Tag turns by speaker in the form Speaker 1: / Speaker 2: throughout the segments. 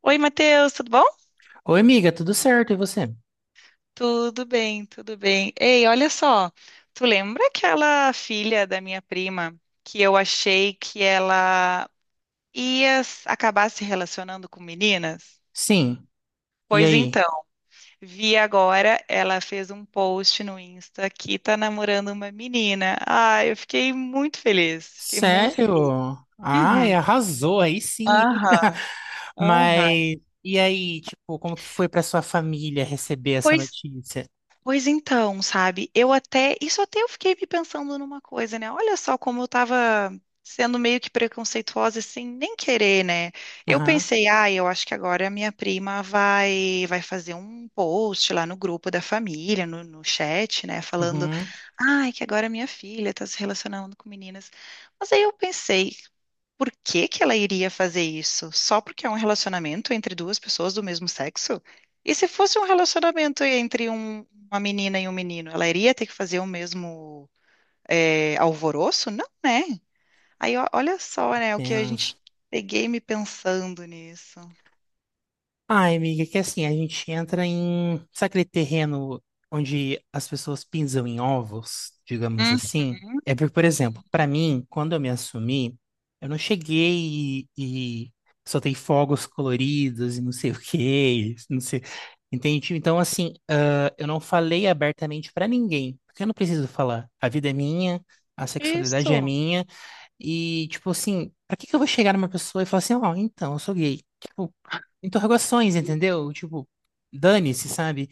Speaker 1: Oi, Matheus, tudo bom?
Speaker 2: Oi, amiga, tudo certo? E você?
Speaker 1: Tudo bem, tudo bem. Ei, olha só, tu lembra aquela filha da minha prima que eu achei que ela ia acabar se relacionando com meninas?
Speaker 2: Sim. E
Speaker 1: Pois
Speaker 2: aí?
Speaker 1: então, vi agora, ela fez um post no Insta que tá namorando uma menina. Ah, eu fiquei muito feliz, fiquei muito feliz.
Speaker 2: Sério? Ai,
Speaker 1: Uhum.
Speaker 2: arrasou aí sim, hein?
Speaker 1: Aham, aham.
Speaker 2: Mas e aí, tipo, como que foi pra sua família receber essa
Speaker 1: Pois
Speaker 2: notícia?
Speaker 1: Pois então, sabe? Eu até, isso até eu fiquei me pensando numa coisa, né? Olha só como eu tava sendo meio que preconceituosa sem nem querer, né? Eu
Speaker 2: Aham,
Speaker 1: pensei, ah, eu acho que agora a minha prima vai fazer um post lá no grupo da família, no chat, né, falando,
Speaker 2: uhum,
Speaker 1: ai, que agora minha filha tá se relacionando com meninas. Mas aí eu pensei, por que que ela iria fazer isso? Só porque é um relacionamento entre duas pessoas do mesmo sexo? E se fosse um relacionamento entre uma menina e um menino, ela iria ter que fazer o mesmo alvoroço? Não, né? Aí ó, olha só, né, o que a
Speaker 2: tenso.
Speaker 1: gente peguei me pensando nisso.
Speaker 2: Ai, amiga, é que assim, a gente entra em, sabe aquele terreno onde as pessoas pisam em ovos, digamos assim?
Speaker 1: Uhum.
Speaker 2: É porque, por exemplo, pra mim, quando eu me assumi, eu não cheguei e soltei fogos coloridos e não sei o quê, e não sei, entende? Então, assim, eu não falei abertamente pra ninguém, porque eu não preciso falar. A vida é minha, a sexualidade é
Speaker 1: Isso.
Speaker 2: minha, e, tipo assim, pra que que eu vou chegar numa pessoa e falar assim, ó, então, eu sou gay? Tipo, interrogações, entendeu? Tipo, dane-se, sabe?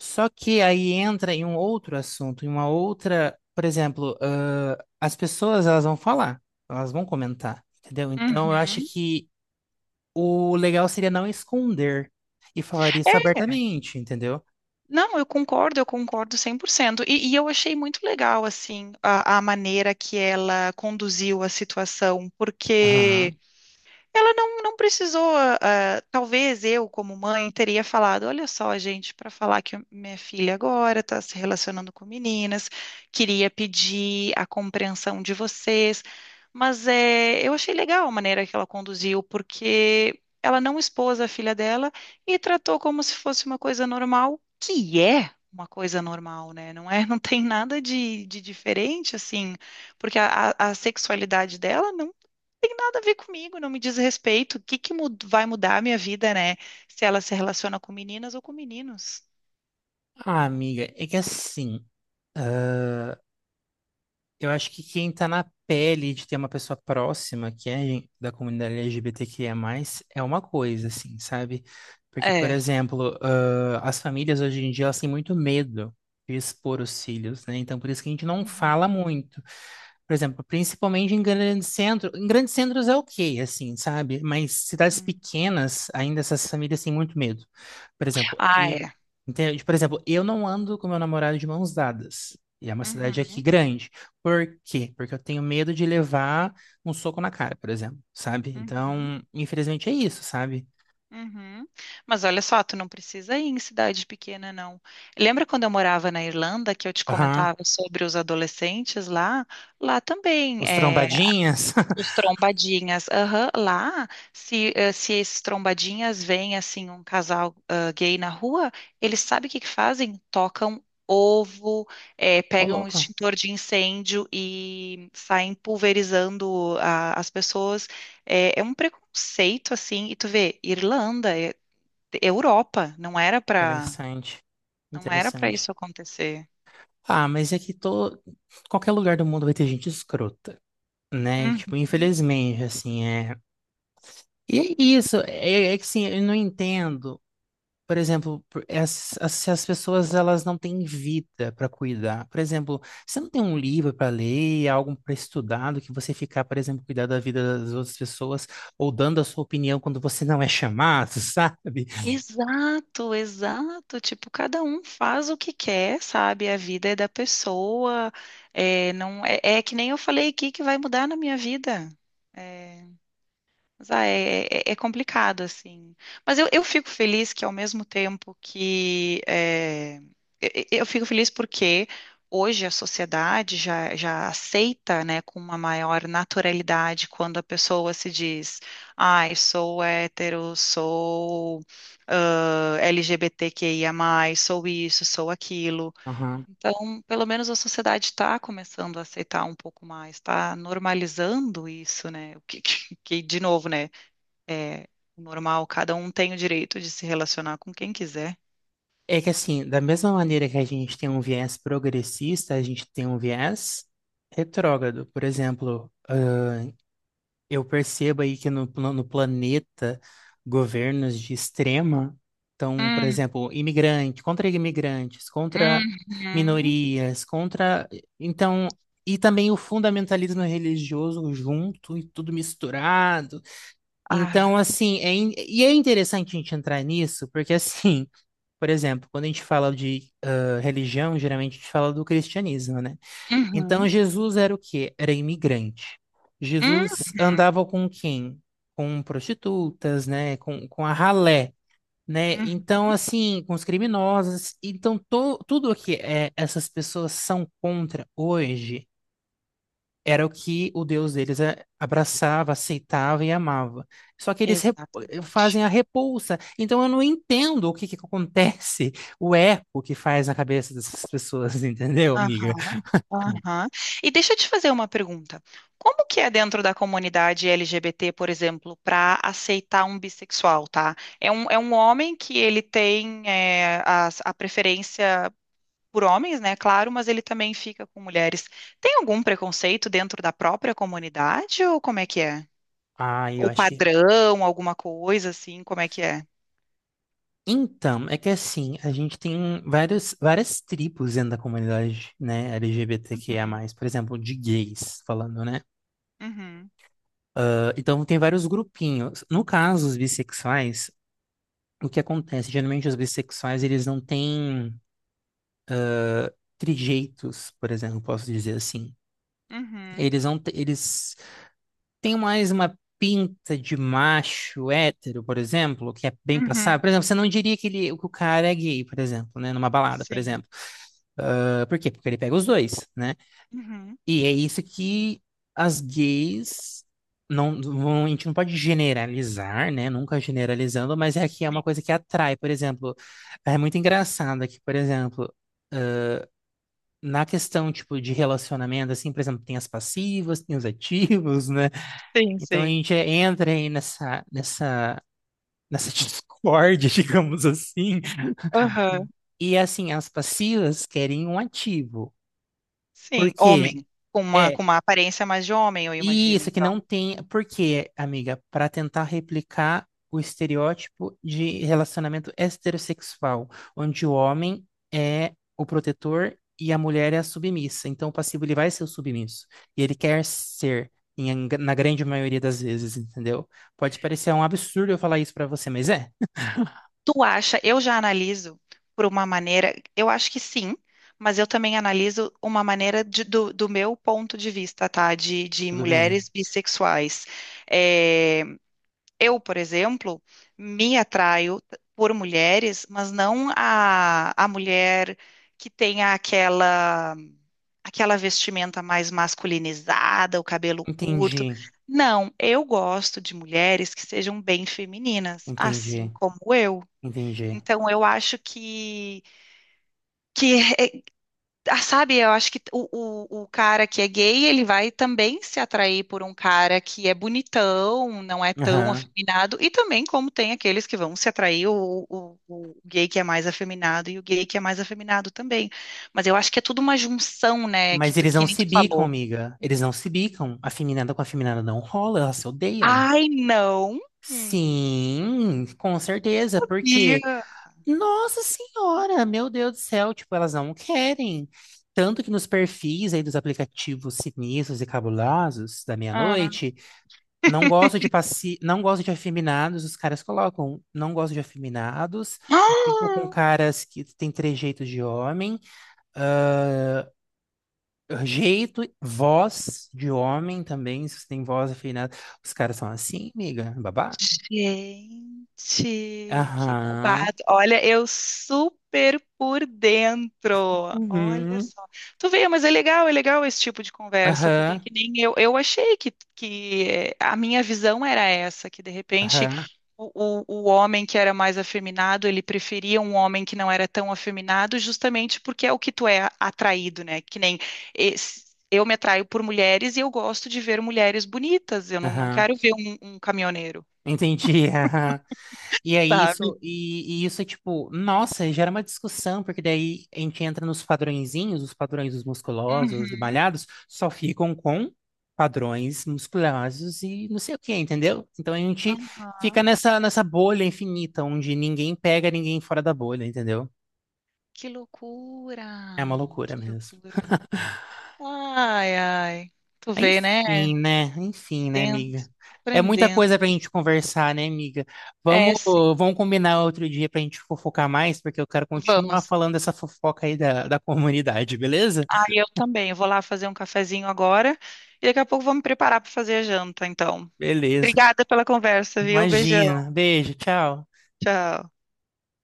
Speaker 2: Só que aí entra em um outro assunto, em uma outra, por exemplo, as pessoas, elas vão falar, elas vão comentar, entendeu? Então, eu acho
Speaker 1: Uhum.
Speaker 2: que o legal seria não esconder e falar isso
Speaker 1: É.
Speaker 2: abertamente, entendeu?
Speaker 1: Não, eu concordo 100%. E eu achei muito legal, assim, a maneira que ela conduziu a situação, porque
Speaker 2: Aham.
Speaker 1: ela não precisou, talvez eu, como mãe, teria falado: olha só, gente, para falar que minha filha agora está se relacionando com meninas, queria pedir a compreensão de vocês. Mas é, eu achei legal a maneira que ela conduziu, porque ela não expôs a filha dela e tratou como se fosse uma coisa normal, que é uma coisa normal, né? Não é, não tem nada de diferente, assim, porque a sexualidade dela não tem nada a ver comigo, não me diz respeito. O que que vai mudar a minha vida, né? Se ela se relaciona com meninas ou com meninos.
Speaker 2: Ah, amiga, é que assim. Eu acho que quem tá na pele de ter uma pessoa próxima que é da comunidade LGBTQIA+, é uma coisa, assim, sabe? Porque, por
Speaker 1: É.
Speaker 2: exemplo, as famílias hoje em dia, elas têm muito medo de expor os filhos, né? Então, por isso que a gente não
Speaker 1: Uhum,
Speaker 2: fala muito. Por exemplo, principalmente em grandes centros. Em grandes centros é ok, assim, sabe? Mas cidades
Speaker 1: uhum.
Speaker 2: pequenas, ainda essas famílias têm muito medo. Por exemplo,
Speaker 1: Ah, é.
Speaker 2: entende? Por exemplo, eu não ando com meu namorado de mãos dadas. E é uma cidade aqui
Speaker 1: Uhum,
Speaker 2: grande. Por quê? Porque eu tenho medo de levar um soco na cara, por exemplo, sabe?
Speaker 1: uhum,
Speaker 2: Então, infelizmente é isso, sabe?
Speaker 1: uhum. Mas olha só, tu não precisa ir em cidade pequena, não. Lembra quando eu morava na Irlanda, que eu te
Speaker 2: Aham.
Speaker 1: comentava sobre os adolescentes lá? Lá também.
Speaker 2: Os trombadinhas.
Speaker 1: Os trombadinhas, aham. Lá, se esses trombadinhas veem, assim, um casal gay na rua, eles sabem o que que fazem? Tocam ovo,
Speaker 2: Ô,
Speaker 1: pegam um
Speaker 2: louco.
Speaker 1: extintor de incêndio e saem pulverizando as pessoas. É um preconceito, assim, e tu vê, Irlanda, Europa,
Speaker 2: Interessante.
Speaker 1: não era para
Speaker 2: Interessante.
Speaker 1: isso acontecer.
Speaker 2: Ah, mas é que tô... qualquer lugar do mundo vai ter gente escrota. Né? Tipo,
Speaker 1: Uhum.
Speaker 2: infelizmente, assim, é. E é isso, é, é que assim, eu não entendo, por exemplo, se as pessoas elas não têm vida para cuidar. Por exemplo, você não tem um livro para ler, algo para estudar, do que você ficar, por exemplo, cuidar da vida das outras pessoas ou dando a sua opinião quando você não é chamado, sabe?
Speaker 1: Exato, exato. Tipo, cada um faz o que quer, sabe? A vida é da pessoa. É, não é, é que nem eu falei aqui que vai mudar na minha vida. É, mas é complicado, assim. Mas eu fico feliz que, ao mesmo tempo que, eu fico feliz porque hoje a sociedade já aceita, né, com uma maior naturalidade quando a pessoa se diz: ai, sou hétero, sou LGBTQIA+, sou isso, sou aquilo.
Speaker 2: Aham.
Speaker 1: Então, pelo menos a sociedade está começando a aceitar um pouco mais, está normalizando isso, né? O que, de novo, né? É normal, cada um tem o direito de se relacionar com quem quiser.
Speaker 2: É que assim, da mesma maneira que a gente tem um viés progressista, a gente tem um viés retrógrado. Por exemplo, eu percebo aí que no planeta, governos de extrema estão, por
Speaker 1: Hum,
Speaker 2: exemplo, imigrante, contra imigrantes, contra
Speaker 1: uhum.
Speaker 2: minorias, contra. Então, e também o fundamentalismo religioso junto e tudo misturado.
Speaker 1: Ah,
Speaker 2: Então, assim, e é interessante a gente entrar nisso, porque, assim, por exemplo, quando a gente fala de religião, geralmente a gente fala do cristianismo, né? Então
Speaker 1: uhum,
Speaker 2: Jesus era o quê? Era imigrante. Jesus
Speaker 1: uhum,
Speaker 2: andava com quem? Com prostitutas, né? Com a ralé, né?
Speaker 1: uhum.
Speaker 2: Então, assim, com os criminosos. Então, tudo o que é, essas pessoas são contra hoje era o que o Deus deles é, abraçava, aceitava e amava. Só que
Speaker 1: Exatamente.
Speaker 2: fazem a repulsa. Então, eu não entendo o que que acontece, o eco que faz na cabeça dessas pessoas, entendeu, amiga?
Speaker 1: Aham, aham. E deixa eu te fazer uma pergunta. Como que é dentro da comunidade LGBT, por exemplo, para aceitar um bissexual, tá? É um homem que ele tem preferência por homens, né? Claro, mas ele também fica com mulheres. Tem algum preconceito dentro da própria comunidade ou como é que é?
Speaker 2: Ah, eu
Speaker 1: Ou
Speaker 2: acho que
Speaker 1: padrão, alguma coisa assim, como é que é?
Speaker 2: então, é que assim, a gente tem vários, várias tribos dentro da comunidade, né, L G B T Q I A
Speaker 1: Uhum,
Speaker 2: mais por exemplo, de gays, falando, né?
Speaker 1: uhum,
Speaker 2: Então, tem vários grupinhos. No caso, os bissexuais, o que acontece? Geralmente, os bissexuais, eles não têm trejeitos, por exemplo, posso dizer assim.
Speaker 1: uhum,
Speaker 2: Eles não, te- eles têm mais uma pinta de macho hétero, por exemplo, que é bem passado.
Speaker 1: uhum,
Speaker 2: Por exemplo, você não diria que, ele, que o cara é gay, por exemplo, né, numa balada, por
Speaker 1: sim,
Speaker 2: exemplo. Por quê? Porque ele pega os dois, né?
Speaker 1: uhum,
Speaker 2: E é isso que as gays a gente não pode generalizar, né? Nunca generalizando, mas é que é uma
Speaker 1: sim,
Speaker 2: coisa que atrai, por exemplo, é muito engraçado que, por exemplo, na questão tipo de relacionamento, assim, por exemplo, tem as passivas, tem os ativos, né?
Speaker 1: sim,
Speaker 2: Então a
Speaker 1: sim,
Speaker 2: gente entra aí nessa discórdia, digamos assim.
Speaker 1: aham,
Speaker 2: E assim, as passivas querem um ativo. Por
Speaker 1: sim,
Speaker 2: quê?
Speaker 1: homem, com uma,
Speaker 2: É,
Speaker 1: com uma aparência mais de homem, eu imagino,
Speaker 2: isso, que
Speaker 1: então.
Speaker 2: não tem. Por quê, amiga? Para tentar replicar o estereótipo de relacionamento heterossexual, onde o homem é o protetor e a mulher é a submissa. Então, o passivo ele vai ser o submisso. E ele quer ser, na grande maioria das vezes, entendeu? Pode parecer um absurdo eu falar isso para você, mas é.
Speaker 1: Tu acha? Eu já analiso por uma maneira, eu acho que sim, mas eu também analiso uma maneira do meu ponto de vista, tá? De
Speaker 2: Tudo bem?
Speaker 1: mulheres bissexuais. É, eu, por exemplo, me atraio por mulheres, mas não a mulher que tenha aquela vestimenta mais masculinizada, o cabelo curto.
Speaker 2: Entendi,
Speaker 1: Não, eu gosto de mulheres que sejam bem femininas, assim
Speaker 2: entendi,
Speaker 1: como eu.
Speaker 2: entendi.
Speaker 1: Então eu acho que sabe, eu acho que o cara que é gay, ele vai também se atrair por um cara que é bonitão, não é tão
Speaker 2: Aham.
Speaker 1: afeminado, e também como tem aqueles que vão se atrair o gay que é mais afeminado e o gay que é mais afeminado também. Mas eu acho que é tudo uma junção, né,
Speaker 2: Mas eles
Speaker 1: que
Speaker 2: não
Speaker 1: nem
Speaker 2: se
Speaker 1: tu
Speaker 2: bicam,
Speaker 1: falou.
Speaker 2: amiga. Eles não se bicam. A feminada com a feminada não rola, elas se odeiam.
Speaker 1: Ai, não! Hum,
Speaker 2: Sim, com certeza, porque,
Speaker 1: sabia!
Speaker 2: nossa senhora, meu Deus do céu, tipo, elas não querem. Tanto que nos perfis aí dos aplicativos sinistros e cabulosos da
Speaker 1: Ah.
Speaker 2: meia-noite, não gosto de não gosto de afeminados, os caras colocam, não gosto de afeminados, só fico com caras que têm trejeitos de homem. Jeito, voz de homem também, se você tem voz afinada. Os caras são assim, amiga, babado.
Speaker 1: Gente, que
Speaker 2: Aham,
Speaker 1: babado. Olha, eu super por dentro. Olha
Speaker 2: uhum,
Speaker 1: só. Tu vê, mas é legal esse tipo de conversa, porque é
Speaker 2: aham,
Speaker 1: que nem eu achei a minha visão era essa, que de repente
Speaker 2: aham,
Speaker 1: o homem que era mais afeminado, ele preferia um homem que não era tão afeminado, justamente porque é o que tu é atraído, né? Que nem eu me atraio por mulheres e eu gosto de ver mulheres bonitas. Eu não
Speaker 2: aham.
Speaker 1: quero ver um caminhoneiro,
Speaker 2: Entendi, aham. E aí
Speaker 1: sabe?
Speaker 2: isso, e isso é tipo, nossa, gera uma discussão, porque daí a gente entra nos padrõezinhos, os padrões dos musculosos, de
Speaker 1: Uhum.
Speaker 2: malhados, só ficam com padrões musculosos e não sei o que, entendeu? Então a gente fica
Speaker 1: Aham.
Speaker 2: nessa bolha infinita, onde ninguém pega ninguém fora da bolha, entendeu?
Speaker 1: Que loucura!
Speaker 2: É uma loucura
Speaker 1: Que
Speaker 2: mesmo.
Speaker 1: loucura! Ai, ai. Tu vê, né?
Speaker 2: Enfim, né? Enfim, né,
Speaker 1: Aprendendo,
Speaker 2: amiga? É muita
Speaker 1: aprendendo.
Speaker 2: coisa pra gente conversar, né, amiga?
Speaker 1: É,
Speaker 2: Vamos,
Speaker 1: sim.
Speaker 2: vamos combinar outro dia pra gente fofocar mais, porque eu quero continuar
Speaker 1: Vamos.
Speaker 2: falando dessa fofoca aí da comunidade, beleza?
Speaker 1: Ah, eu também. Eu vou lá fazer um cafezinho agora e daqui a pouco vou me preparar para fazer a janta, então.
Speaker 2: Beleza.
Speaker 1: Obrigada pela conversa, viu? Beijão.
Speaker 2: Imagina. Beijo, tchau.
Speaker 1: Tchau.